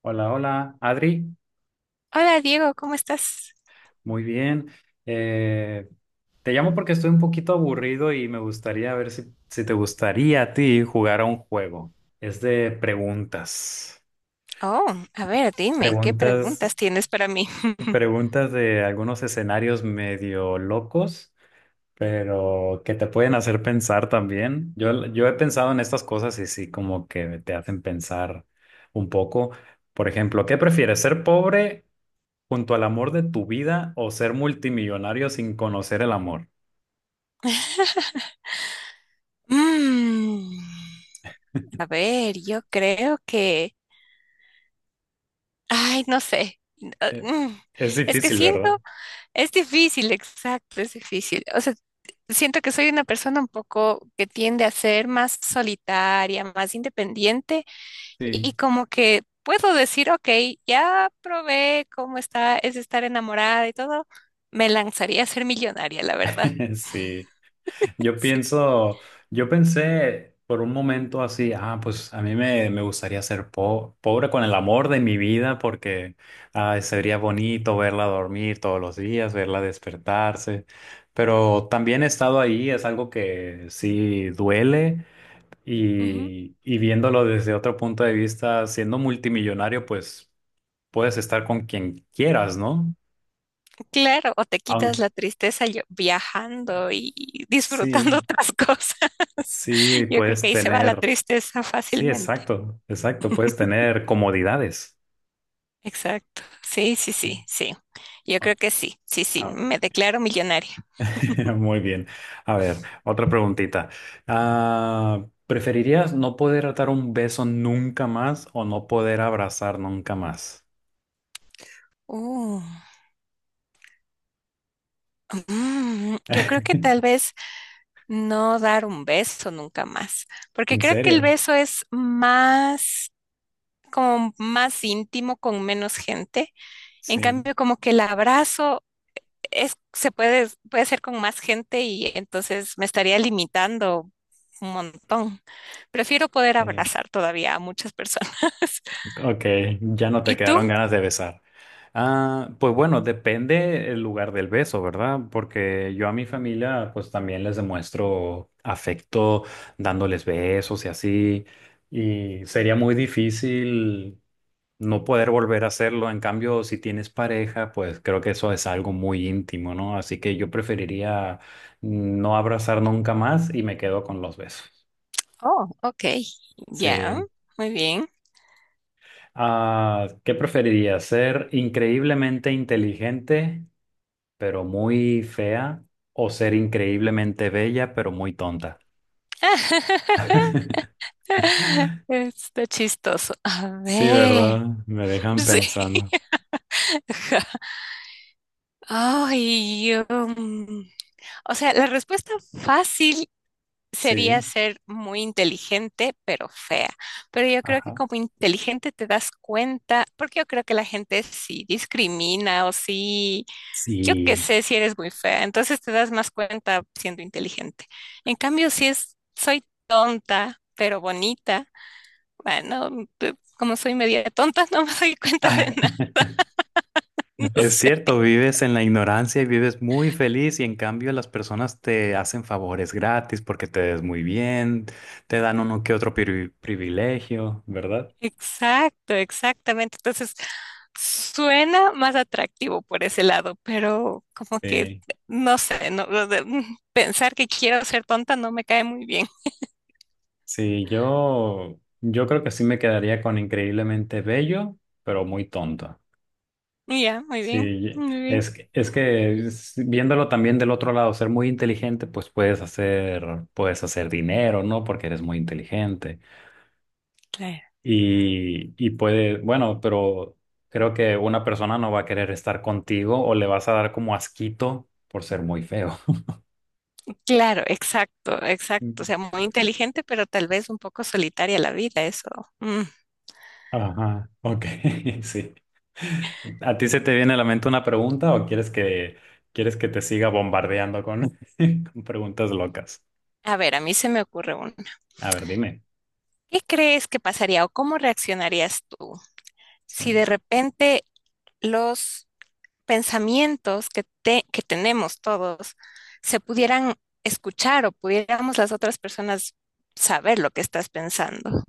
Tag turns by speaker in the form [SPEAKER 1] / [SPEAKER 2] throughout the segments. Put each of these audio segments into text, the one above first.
[SPEAKER 1] Hola, hola, Adri.
[SPEAKER 2] Hola Diego, ¿cómo estás?
[SPEAKER 1] Muy bien. Eh, Te llamo porque estoy un poquito aburrido y me gustaría ver si te gustaría a ti jugar a un juego. Es de preguntas.
[SPEAKER 2] Oh, a ver, dime, ¿qué
[SPEAKER 1] Preguntas,
[SPEAKER 2] preguntas tienes para mí?
[SPEAKER 1] preguntas de algunos escenarios medio locos, pero que te pueden hacer pensar también. Yo he pensado en estas cosas y sí, como que te hacen pensar un poco. Por ejemplo, ¿qué prefieres, ser pobre junto al amor de tu vida o ser multimillonario sin conocer el amor?
[SPEAKER 2] Mm, a ver, ay, no sé. ah,
[SPEAKER 1] Eh,
[SPEAKER 2] mm,
[SPEAKER 1] Es
[SPEAKER 2] Es que
[SPEAKER 1] difícil,
[SPEAKER 2] siento,
[SPEAKER 1] ¿verdad?
[SPEAKER 2] es difícil, exacto, es difícil. O sea, siento que soy una persona un poco que tiende a ser más solitaria, más independiente
[SPEAKER 1] Sí.
[SPEAKER 2] y como que puedo decir, ok, ya probé cómo está, es estar enamorada y todo. Me lanzaría a ser millonaria, la verdad.
[SPEAKER 1] Sí, yo
[SPEAKER 2] Sí.
[SPEAKER 1] pienso, yo pensé por un momento así, ah, pues a mí me gustaría ser pobre con el amor de mi vida, porque ah, sería bonito verla dormir todos los días, verla despertarse, pero también he estado ahí, es algo que sí duele.
[SPEAKER 2] Ujú.
[SPEAKER 1] Y viéndolo desde otro punto de vista, siendo multimillonario, pues puedes estar con quien quieras, ¿no?
[SPEAKER 2] Claro, o te quitas
[SPEAKER 1] Aunque
[SPEAKER 2] la tristeza viajando y disfrutando
[SPEAKER 1] sí,
[SPEAKER 2] otras cosas.
[SPEAKER 1] sí,
[SPEAKER 2] Yo creo que
[SPEAKER 1] puedes
[SPEAKER 2] ahí se va la
[SPEAKER 1] tener,
[SPEAKER 2] tristeza
[SPEAKER 1] sí,
[SPEAKER 2] fácilmente.
[SPEAKER 1] exacto, exacto, puedes tener comodidades.
[SPEAKER 2] Exacto. Sí, sí,
[SPEAKER 1] Sí.
[SPEAKER 2] sí, sí. Yo
[SPEAKER 1] Ah,
[SPEAKER 2] creo que sí, sí, sí.
[SPEAKER 1] ah,
[SPEAKER 2] Me declaro millonaria.
[SPEAKER 1] muy bien. A ver, otra preguntita. Ah, ¿preferirías no poder dar un beso nunca más o no poder abrazar nunca más?
[SPEAKER 2] Uh, yo creo que tal vez no dar un beso nunca más, porque
[SPEAKER 1] ¿En
[SPEAKER 2] creo que el
[SPEAKER 1] serio?
[SPEAKER 2] beso es más, como más íntimo con menos gente. En
[SPEAKER 1] Sí,
[SPEAKER 2] cambio, como que el abrazo es, se puede, puede ser con más gente y entonces me estaría limitando un montón. Prefiero poder
[SPEAKER 1] sí.
[SPEAKER 2] abrazar todavía a muchas personas.
[SPEAKER 1] Ok, ya no te
[SPEAKER 2] ¿Y tú?
[SPEAKER 1] quedaron ganas de besar. Ah, pues bueno, depende el lugar del beso, ¿verdad? Porque yo a mi familia pues también les demuestro afecto dándoles besos y así, y sería muy difícil no poder volver a hacerlo. En cambio, si tienes pareja, pues creo que eso es algo muy íntimo, ¿no? Así que yo preferiría no abrazar nunca más y me quedo con los besos.
[SPEAKER 2] Oh, ok. Ya,
[SPEAKER 1] Sí.
[SPEAKER 2] muy bien.
[SPEAKER 1] Ah, ¿qué preferirías? ¿Ser increíblemente inteligente, pero muy fea? ¿O ser increíblemente bella, pero muy tonta?
[SPEAKER 2] Está chistoso. A
[SPEAKER 1] Sí, ¿verdad?
[SPEAKER 2] ver.
[SPEAKER 1] Me dejan
[SPEAKER 2] Sí.
[SPEAKER 1] pensando.
[SPEAKER 2] Ay, um, o sea, la respuesta fácil sería
[SPEAKER 1] Sí,
[SPEAKER 2] ser muy inteligente, pero fea. Pero yo creo que
[SPEAKER 1] ajá.
[SPEAKER 2] como inteligente te das cuenta, porque yo creo que la gente sí discrimina o sí, yo qué
[SPEAKER 1] Sí.
[SPEAKER 2] sé si eres muy fea, entonces te das más cuenta siendo inteligente. En cambio, si es, soy tonta, pero bonita, bueno, como soy media tonta, no me doy cuenta de
[SPEAKER 1] Ah,
[SPEAKER 2] nada, no
[SPEAKER 1] es
[SPEAKER 2] sé.
[SPEAKER 1] cierto, vives en la ignorancia y vives muy feliz, y en cambio las personas te hacen favores gratis porque te ves muy bien, te dan uno que otro privilegio, ¿verdad?
[SPEAKER 2] Exacto, exactamente. Entonces, suena más atractivo por ese lado, pero como que
[SPEAKER 1] Sí.
[SPEAKER 2] no sé, no, pensar que quiero ser tonta no me cae muy bien.
[SPEAKER 1] Sí, yo creo que sí me quedaría con increíblemente bello, pero muy tonto.
[SPEAKER 2] Ya, muy bien,
[SPEAKER 1] Sí,
[SPEAKER 2] muy bien.
[SPEAKER 1] es, es que viéndolo también del otro lado, ser muy inteligente, pues puedes hacer dinero, ¿no? Porque eres muy inteligente.
[SPEAKER 2] Claro.
[SPEAKER 1] Y puede, bueno, pero creo que una persona no va a querer estar contigo o le vas a dar como asquito por ser muy feo.
[SPEAKER 2] Claro, exacto, exacto. O sea, muy inteligente, pero tal vez un poco solitaria la vida, eso. Mm.
[SPEAKER 1] Ajá, ok, sí. ¿A ti se te viene a la mente una pregunta o quieres quieres que te siga bombardeando con, con preguntas locas?
[SPEAKER 2] A ver, a mí se me ocurre uno.
[SPEAKER 1] A ver, dime.
[SPEAKER 2] ¿Qué crees que pasaría o cómo reaccionarías tú si de
[SPEAKER 1] Sí.
[SPEAKER 2] repente los pensamientos que tenemos todos se pudieran escuchar o pudiéramos las otras personas saber lo que estás pensando.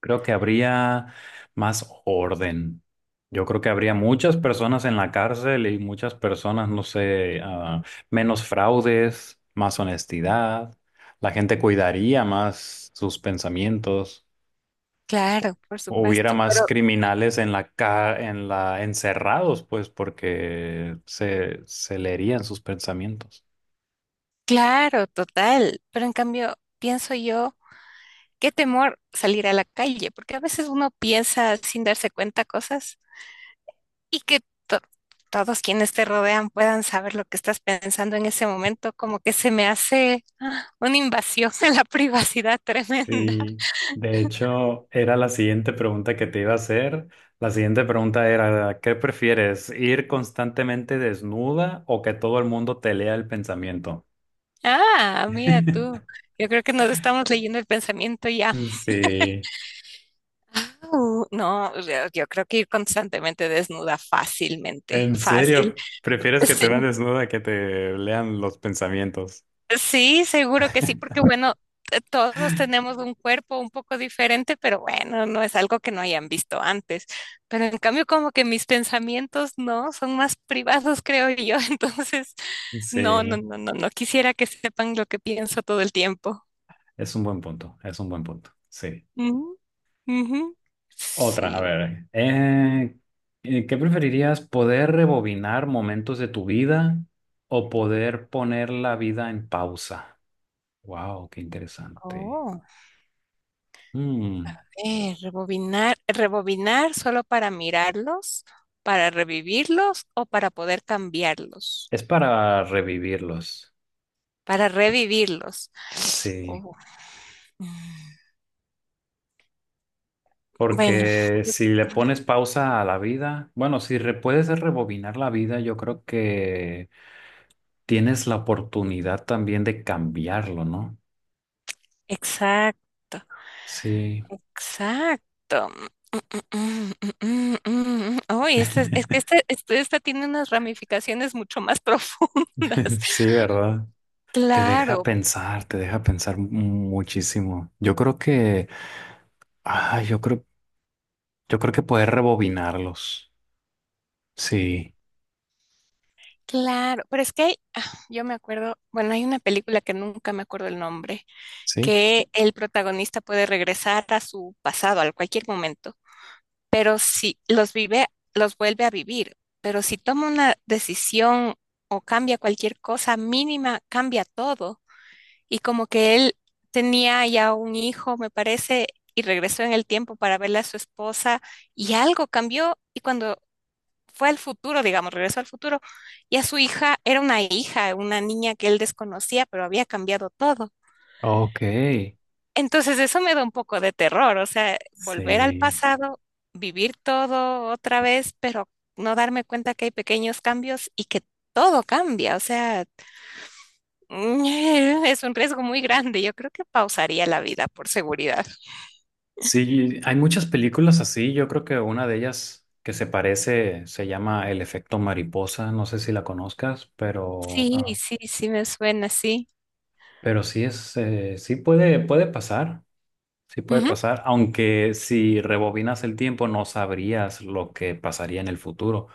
[SPEAKER 1] Creo que habría más orden. Yo creo que habría muchas personas en la cárcel y muchas personas, no sé, ah, menos fraudes, más honestidad. La gente cuidaría más sus pensamientos.
[SPEAKER 2] Claro, por
[SPEAKER 1] Hubiera
[SPEAKER 2] supuesto,
[SPEAKER 1] más
[SPEAKER 2] pero
[SPEAKER 1] criminales en la ca en la encerrados, pues, porque se leerían sus pensamientos.
[SPEAKER 2] claro, total. Pero en cambio, pienso yo, qué temor salir a la calle, porque a veces uno piensa sin darse cuenta cosas. Y que to- todos quienes te rodean puedan saber lo que estás pensando en ese momento, como que se me hace una invasión en la privacidad tremenda.
[SPEAKER 1] Y de hecho, era la siguiente pregunta que te iba a hacer. La siguiente pregunta era, ¿qué prefieres? ¿Ir constantemente desnuda o que todo el mundo te lea el pensamiento?
[SPEAKER 2] Ah, mira tú, yo creo que nos estamos leyendo el pensamiento ya.
[SPEAKER 1] Sí,
[SPEAKER 2] Au, no, yo creo que ir constantemente desnuda fácilmente,
[SPEAKER 1] en
[SPEAKER 2] fácil.
[SPEAKER 1] serio, prefieres que te
[SPEAKER 2] Sí,
[SPEAKER 1] vean desnuda que te lean los pensamientos.
[SPEAKER 2] sí, seguro que sí, porque bueno, todos tenemos un cuerpo un poco diferente, pero bueno, no es algo que no hayan visto antes. Pero en cambio, como que mis pensamientos no son más privados, creo yo. Entonces, no, no,
[SPEAKER 1] Sí,
[SPEAKER 2] no, no, no quisiera que sepan lo que pienso todo el tiempo.
[SPEAKER 1] es un buen punto, es un buen punto. Sí.
[SPEAKER 2] Ujú, ujú.
[SPEAKER 1] Otra, a
[SPEAKER 2] Sí.
[SPEAKER 1] ver, ¿qué preferirías? ¿Poder rebobinar momentos de tu vida o poder poner la vida en pausa? Wow, qué interesante.
[SPEAKER 2] Oh,
[SPEAKER 1] Mm,
[SPEAKER 2] rebobinar, rebobinar solo para mirarlos, para revivirlos o para poder cambiarlos,
[SPEAKER 1] es para revivirlos,
[SPEAKER 2] para revivirlos.
[SPEAKER 1] sí,
[SPEAKER 2] Oh. Bueno,
[SPEAKER 1] porque
[SPEAKER 2] yo-
[SPEAKER 1] si le pones pausa a la vida, bueno, si puedes rebobinar la vida, yo creo que tienes la oportunidad también de cambiarlo, ¿no?
[SPEAKER 2] exacto,
[SPEAKER 1] Sí,
[SPEAKER 2] exacto. Mm, mm, mm, mm, mm. Uy, esta es que esta, esta tiene unas ramificaciones mucho más profundas.
[SPEAKER 1] sí, ¿verdad?
[SPEAKER 2] Claro,
[SPEAKER 1] Te deja pensar muchísimo. Yo creo que, ah, yo creo que poder rebobinarlos. Sí,
[SPEAKER 2] claro, pero es que yo me acuerdo, bueno, hay una película que nunca me acuerdo el nombre,
[SPEAKER 1] sí.
[SPEAKER 2] que el protagonista puede regresar a su pasado, a cualquier momento. Pero si los vive, los vuelve a vivir. Pero si toma una decisión o cambia cualquier cosa mínima, cambia todo. Y como que él tenía ya un hijo, me parece, y regresó en el tiempo para verle a su esposa y algo cambió y cuando fue al futuro, digamos, regresó al futuro, ya su hija era una hija, una niña que él desconocía, pero había cambiado todo.
[SPEAKER 1] Ok.
[SPEAKER 2] Entonces eso me da un poco de terror, o sea, volver al
[SPEAKER 1] Sí.
[SPEAKER 2] pasado, vivir todo otra vez, pero no darme cuenta que hay pequeños cambios y que todo cambia, o sea, es un riesgo muy grande. Yo creo que pausaría la vida por seguridad.
[SPEAKER 1] Sí, hay muchas películas así. Yo creo que una de ellas que se parece se llama El efecto mariposa. No sé si la conozcas, pero,
[SPEAKER 2] Sí,
[SPEAKER 1] ah,
[SPEAKER 2] sí, sí me suena así.
[SPEAKER 1] pero sí es, sí puede, puede pasar. Sí puede
[SPEAKER 2] Ujú.
[SPEAKER 1] pasar, aunque si rebobinas el tiempo no sabrías lo que pasaría en el futuro.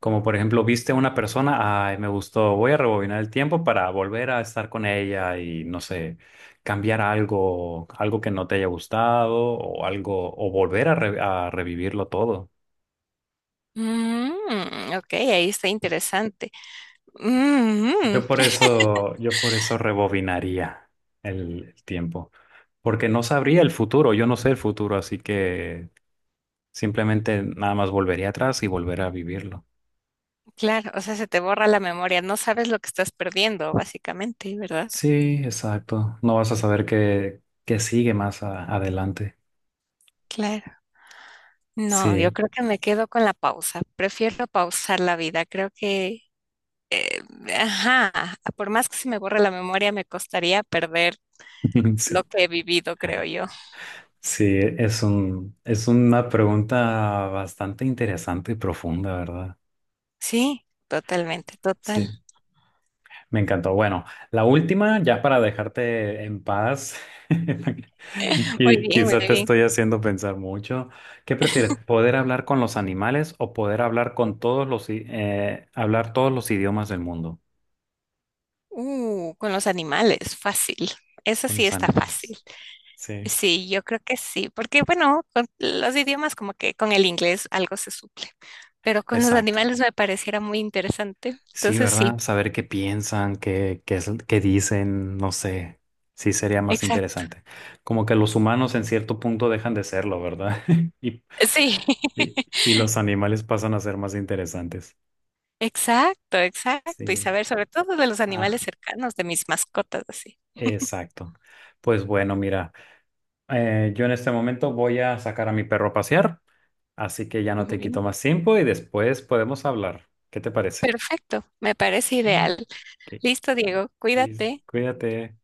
[SPEAKER 1] Como por ejemplo, viste a una persona, ay, me gustó, voy a rebobinar el tiempo para volver a estar con ella y no sé, cambiar algo, algo que no te haya gustado o algo, o volver a, a revivirlo todo.
[SPEAKER 2] Mm, ok, ahí está interesante. Mm,
[SPEAKER 1] Yo por eso rebobinaría el tiempo, porque no sabría el futuro, yo no sé el futuro, así que simplemente nada más volvería atrás y volver a vivirlo.
[SPEAKER 2] claro, o sea, se te borra la memoria, no sabes lo que estás perdiendo, básicamente, ¿verdad?
[SPEAKER 1] Sí, exacto. No vas a saber qué sigue más adelante.
[SPEAKER 2] Claro. No, yo
[SPEAKER 1] Sí,
[SPEAKER 2] creo que me quedo con la pausa. Prefiero pausar la vida. Creo que, ajá, por más que se me borre la memoria, me costaría perder
[SPEAKER 1] sí,
[SPEAKER 2] lo que he vivido, creo yo.
[SPEAKER 1] sí, es un, es una pregunta bastante interesante y profunda, ¿verdad?
[SPEAKER 2] Sí, totalmente, total.
[SPEAKER 1] Sí, me encantó. Bueno, la última, ya para dejarte en paz,
[SPEAKER 2] Muy
[SPEAKER 1] y
[SPEAKER 2] bien, muy
[SPEAKER 1] quizá te
[SPEAKER 2] bien.
[SPEAKER 1] estoy haciendo pensar mucho. ¿Qué prefieres, poder hablar con los animales o poder hablar con todos los, hablar todos los idiomas del mundo?
[SPEAKER 2] Con los animales, fácil. Eso
[SPEAKER 1] Con
[SPEAKER 2] sí
[SPEAKER 1] los
[SPEAKER 2] está
[SPEAKER 1] animales.
[SPEAKER 2] fácil.
[SPEAKER 1] Sí,
[SPEAKER 2] Sí, yo creo que sí, porque bueno, con los idiomas como que con el inglés algo se suple, pero con los
[SPEAKER 1] exacto.
[SPEAKER 2] animales me pareciera muy interesante.
[SPEAKER 1] Sí,
[SPEAKER 2] Entonces sí,
[SPEAKER 1] ¿verdad? Saber qué piensan, qué, qué, qué dicen, no sé. Sí, sería más
[SPEAKER 2] exacto.
[SPEAKER 1] interesante. Como que los humanos en cierto punto dejan de serlo, ¿verdad? Y,
[SPEAKER 2] Sí.
[SPEAKER 1] y, y los animales pasan a ser más interesantes.
[SPEAKER 2] Exacto, exacto. Y
[SPEAKER 1] Sí.
[SPEAKER 2] saber sobre todo de los animales
[SPEAKER 1] Ah,
[SPEAKER 2] cercanos, de mis mascotas, así.
[SPEAKER 1] exacto. Pues bueno, mira, yo en este momento voy a sacar a mi perro a pasear, así que ya no
[SPEAKER 2] Muy
[SPEAKER 1] te quito
[SPEAKER 2] bien.
[SPEAKER 1] más tiempo y después podemos hablar. ¿Qué te parece?
[SPEAKER 2] Perfecto, me parece
[SPEAKER 1] Bien.
[SPEAKER 2] ideal.
[SPEAKER 1] Ok,
[SPEAKER 2] Listo, Diego,
[SPEAKER 1] listo.
[SPEAKER 2] cuídate.
[SPEAKER 1] Cuídate.